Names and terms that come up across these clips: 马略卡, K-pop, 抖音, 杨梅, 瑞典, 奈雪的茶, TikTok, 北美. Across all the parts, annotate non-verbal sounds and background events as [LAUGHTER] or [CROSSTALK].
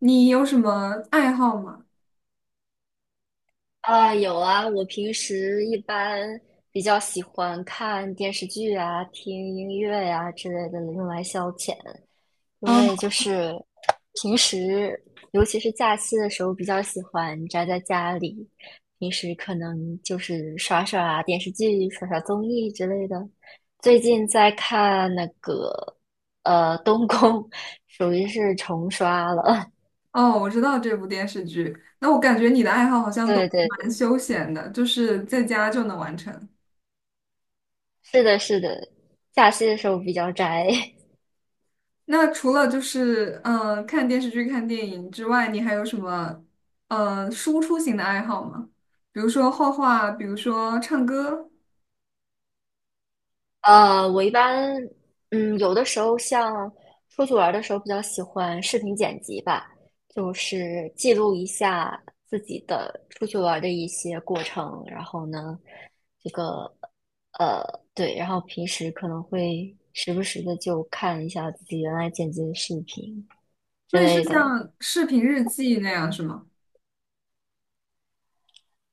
你有什么爱好吗？啊，有啊，我平时一般比较喜欢看电视剧啊、听音乐呀、之类的，用来消遣。因嗯，为就是平时，尤其是假期的时候，比较喜欢宅在家里。平时可能就是刷刷电视剧、刷刷综艺之类的。最近在看那个《东宫》，属于是重刷了。哦，我知道这部电视剧。那我感觉你的爱好好 [LAUGHS] 像都对对，蛮对，休闲的，就是在家就能完成。是的，是的，假期的时候比较宅。那除了看电视剧、看电影之外，你还有什么输出型的爱好吗？比如说画画，比如说唱歌，我一般，有的时候像出去玩儿的时候，比较喜欢视频剪辑吧，就是记录一下自己的出去玩儿的一些过程。然后呢，这个，呃，对，然后平时可能会时不时的就看一下自己原来剪辑的视频之那也是类的，像视频日记那样是吗？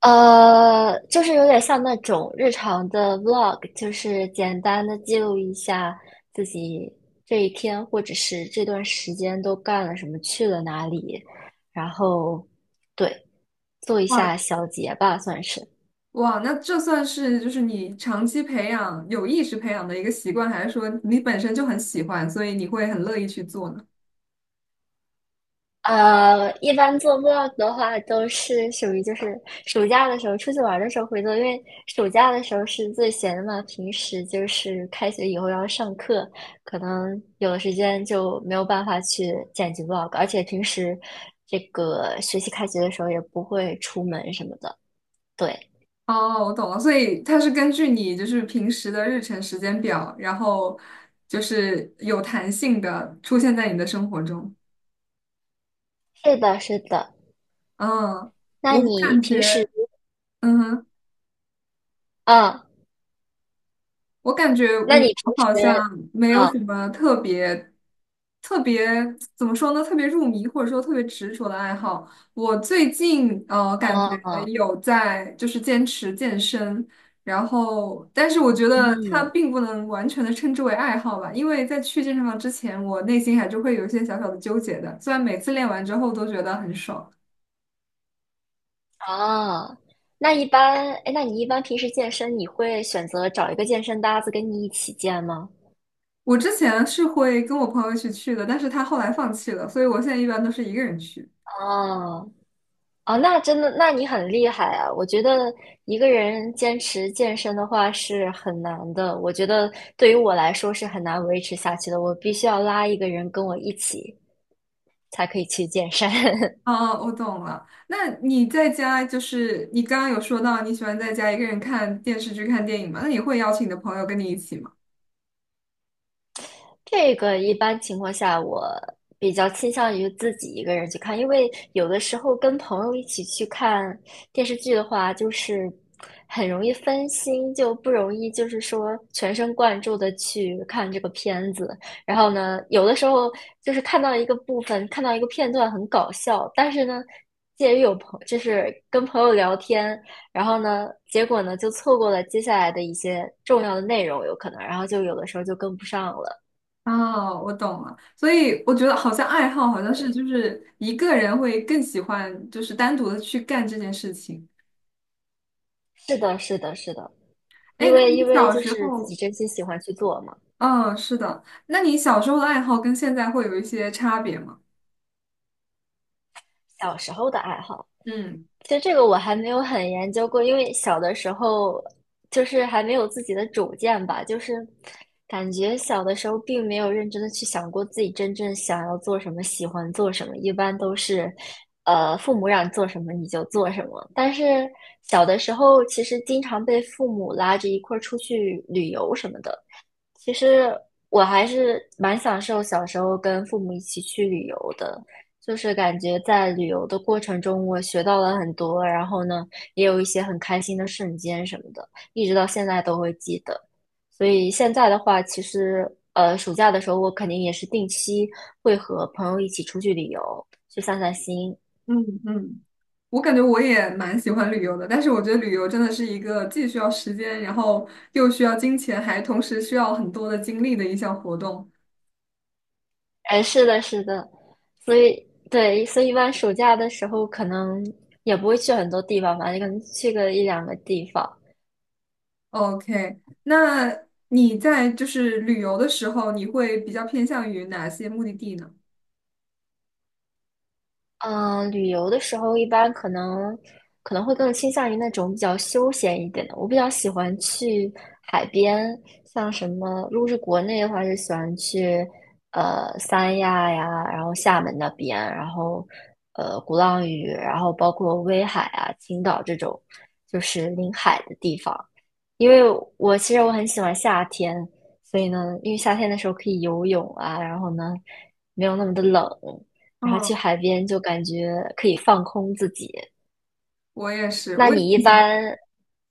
就是有点像那种日常的 vlog，就是简单的记录一下自己这一天或者是这段时间都干了什么，去了哪里，然后对，做一哇下小结吧，算是。哇，那这算是就是你长期培养、有意识培养的一个习惯，还是说你本身就很喜欢，所以你会很乐意去做呢？一般做 vlog 的话，都是属于就是暑假的时候出去玩儿的时候会做，因为暑假的时候是最闲的嘛，平时就是开学以后要上课，可能有的时间就没有办法去剪辑 vlog，而且平时这个学习开学的时候也不会出门什么的。对，哦，我懂了，所以它是根据你就是平时的日程时间表，然后就是有弹性的出现在你的生活中。是的，是的。嗯，那我你感平时，觉，嗯哼。啊，我感觉那你平时，好像没有啊什么特别怎么说呢？特别入迷或者说特别执着的爱好。我最近，感觉啊，有在就是坚持健身，然后但是我觉得它嗯。并不能完全的称之为爱好吧，因为在去健身房之前，我内心还是会有一些小小的纠结的。虽然每次练完之后都觉得很爽，哦，那一般，哎，那你一般平时健身，你会选择找一个健身搭子跟你一起健吗？我之前是会跟我朋友一起去的，但是他后来放弃了，所以我现在一般都是一个人去。哦，哦，那真的，那你很厉害啊！我觉得一个人坚持健身的话是很难的，我觉得对于我来说是很难维持下去的，我必须要拉一个人跟我一起才可以去健身。[LAUGHS] 哦，我懂了。那你在家就是你刚刚有说到你喜欢在家一个人看电视剧、看电影嘛？那你会邀请你的朋友跟你一起吗？这个一般情况下，我比较倾向于自己一个人去看，因为有的时候跟朋友一起去看电视剧的话，就是很容易分心，就不容易就是说全神贯注的去看这个片子。然后呢，有的时候就是看到一个部分，看到一个片段很搞笑，但是呢，介于就是跟朋友聊天，然后呢，结果呢就错过了接下来的一些重要的内容，有可能，然后就有的时候就跟不上了。哦，我懂了。所以我觉得好像爱好好像是就是一个人会更喜欢，就是单独的去干这件事情。是的，是的，是的，哎，因那为你因为小就时是自己候，真心喜欢去做嘛，嗯，是的，那你小时候的爱好跟现在会有一些差别吗？小时候的爱好。嗯其实这个我还没有很研究过，因为小的时候就是还没有自己的主见吧，就是感觉小的时候并没有认真的去想过自己真正想要做什么，喜欢做什么，一般都是父母让你做什么你就做什么。但是小的时候其实经常被父母拉着一块儿出去旅游什么的。其实我还是蛮享受小时候跟父母一起去旅游的，就是感觉在旅游的过程中，我学到了很多，然后呢，也有一些很开心的瞬间什么的，一直到现在都会记得。所以现在的话，其实暑假的时候我肯定也是定期会和朋友一起出去旅游，去散散心。嗯嗯。我感觉我也蛮喜欢旅游的，但是我觉得旅游真的是一个既需要时间，然后又需要金钱，还同时需要很多的精力的一项活动。哎，是的，是的，所以对，所以一般暑假的时候可能也不会去很多地方吧，可能去个一两个地方。OK，那你在就是旅游的时候，你会比较偏向于哪些目的地呢？旅游的时候一般可能会更倾向于那种比较休闲一点的。我比较喜欢去海边，像什么，如果是国内的话，就喜欢去三亚呀，然后厦门那边，然后鼓浪屿，然后包括威海啊、青岛这种，就是临海的地方。因为我其实我很喜欢夏天，所以呢，因为夏天的时候可以游泳啊，然后呢没有那么的冷，然后嗯，去海边就感觉可以放空自己。我也是，那我也很你一喜欢，般，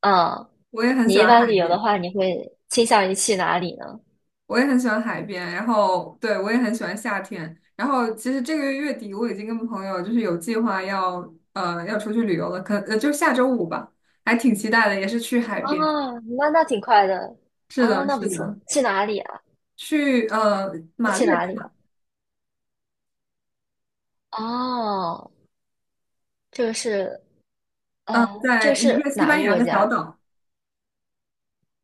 嗯，我也很你喜一欢般海旅游的边。话，你会倾向于去哪里呢？我也很喜欢海边，然后对我也很喜欢夏天。然后其实这个月月底我已经跟朋友就是有计划要要出去旅游了，就下周五吧，还挺期待的，也是去海啊，边。那挺快的是啊，的，那不是的，错。去哪里啊？去那马去略哪里啊？卡，哦，这个是呃，这个在一是个西哪班个牙国的小家？岛。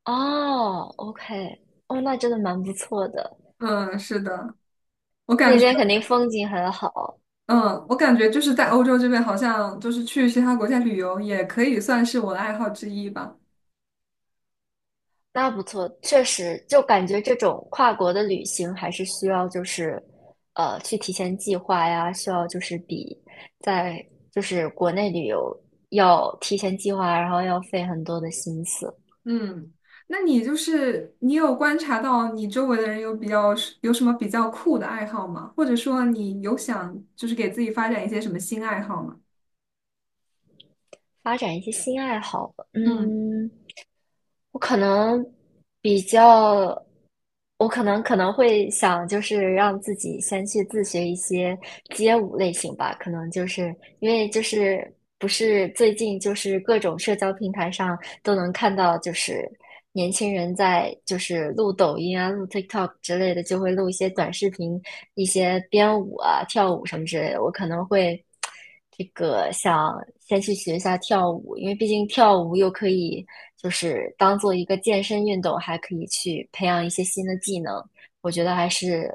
哦，OK，哦，那真的蛮不错的，嗯，是的，我感那觉，边肯定风景很好。嗯，我感觉就是在欧洲这边，好像就是去其他国家旅游也可以算是我的爱好之一吧。那不错，确实，就感觉这种跨国的旅行还是需要就是，去提前计划呀，需要就是比在就是国内旅游要提前计划，然后要费很多的心思，嗯，那你就是你有观察到你周围的人有比较有什么比较酷的爱好吗？或者说你有想就是给自己发展一些什么新爱好吗？发展一些新爱好吧。嗯，嗯，我可能比较，我可能会想，就是让自己先去自学一些街舞类型吧。可能就是因为就是不是最近就是各种社交平台上都能看到，就是年轻人在就是录抖音啊、录 TikTok 之类的，就会录一些短视频、一些编舞啊、跳舞什么之类的。我可能会。这个想先去学一下跳舞，因为毕竟跳舞又可以就是当做一个健身运动，还可以去培养一些新的技能，我觉得还是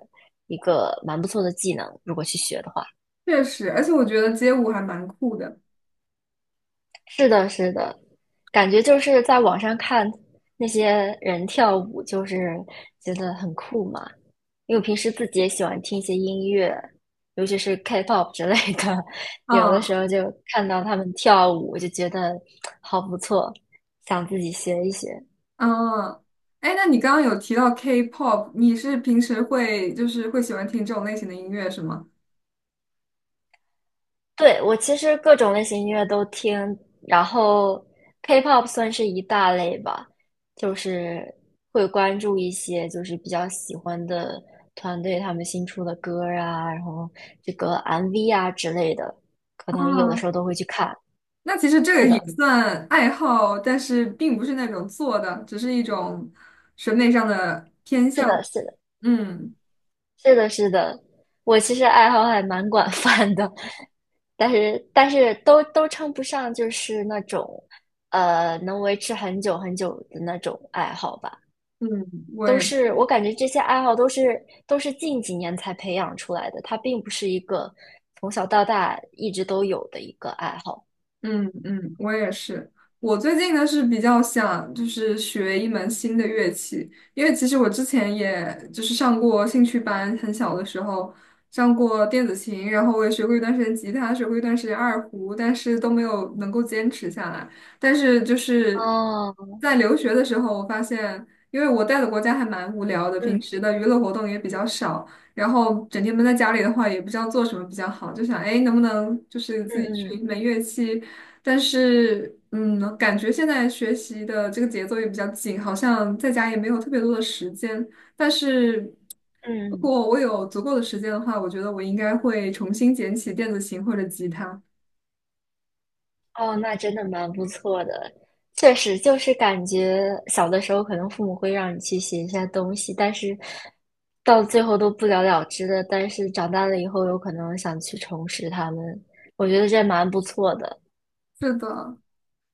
一个蛮不错的技能，如果去学的话。确实，而且我觉得街舞还蛮酷的。是的，是的，感觉就是在网上看那些人跳舞，就是觉得很酷嘛。因为我平时自己也喜欢听一些音乐，尤其是 K-pop 之类的，[LAUGHS] 有的嗯时候就看到他们跳舞，就觉得好不错，想自己学一学。嗯，哎，那你刚刚有提到 K-pop，你是平时会就是会喜欢听这种类型的音乐是吗？对，我其实各种类型音乐都听，然后 K-pop 算是一大类吧，就是会关注一些就是比较喜欢的团队他们新出的歌儿啊，然后这个 MV 啊之类的，可能有的啊，时候都会去看。那其实这是个也的，算爱好，但是并不是那种做的，只是一种审美上的偏是向。的，是的，嗯。是的，是的，我其实爱好还蛮广泛的，但是都称不上就是那种能维持很久很久的那种爱好吧。嗯，我都也是我感觉这些爱好都是近几年才培养出来的，它并不是一个从小到大一直都有的一个爱好。嗯嗯，我也是。我最近呢是比较想就是学一门新的乐器，因为其实我之前也就是上过兴趣班，很小的时候上过电子琴，然后我也学过一段时间吉他，学过一段时间二胡，但是都没有能够坚持下来。但是就是哦，在留学的时候，我发现，因为我待的国家还蛮无聊的，平嗯时的娱乐活动也比较少。然后整天闷在家里的话，也不知道做什么比较好，就想，哎，能不能就是嗯自己学一嗯门乐器，但是，嗯，感觉现在学习的这个节奏也比较紧，好像在家也没有特别多的时间。但是，如嗯，果我有足够的时间的话，我觉得我应该会重新捡起电子琴或者吉他。哦，那真的蛮不错的。确实，就是感觉小的时候可能父母会让你去写一些东西，但是到最后都不了了之的。但是长大了以后，有可能想去重拾他们，我觉得这蛮不错的。是的，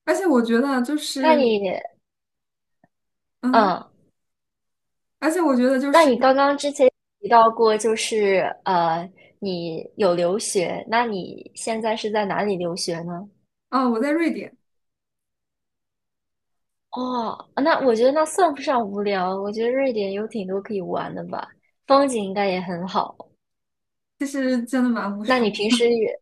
而且我觉得就那你，是，嗯，嗯，而且我觉得就那是，你刚刚之前提到过，就是呃，你有留学，那你现在是在哪里留学呢？啊，我在瑞典，哦，那我觉得那算不上无聊，我觉得瑞典有挺多可以玩的吧，风景应该也很好。其实真的蛮无聊那你平时也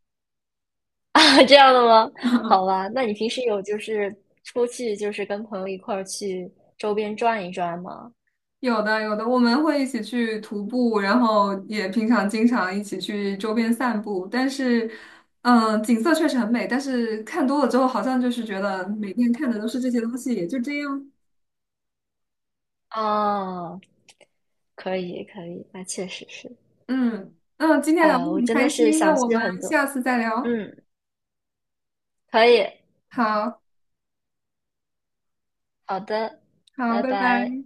[LAUGHS] 啊这样的吗？好吧，那你平时有就是出去就是跟朋友一块儿去周边转一转吗？有的有的，我们会一起去徒步，然后也平常经常一起去周边散步。但是，景色确实很美，但是看多了之后，好像就是觉得每天看的都是这些东西，也就这样。啊，可以可以，那确实是嗯嗯，今天聊得啊，我很真开的是心，那想我去很们多，下次再聊。嗯，可以。好好的，好，拜拜拜。拜。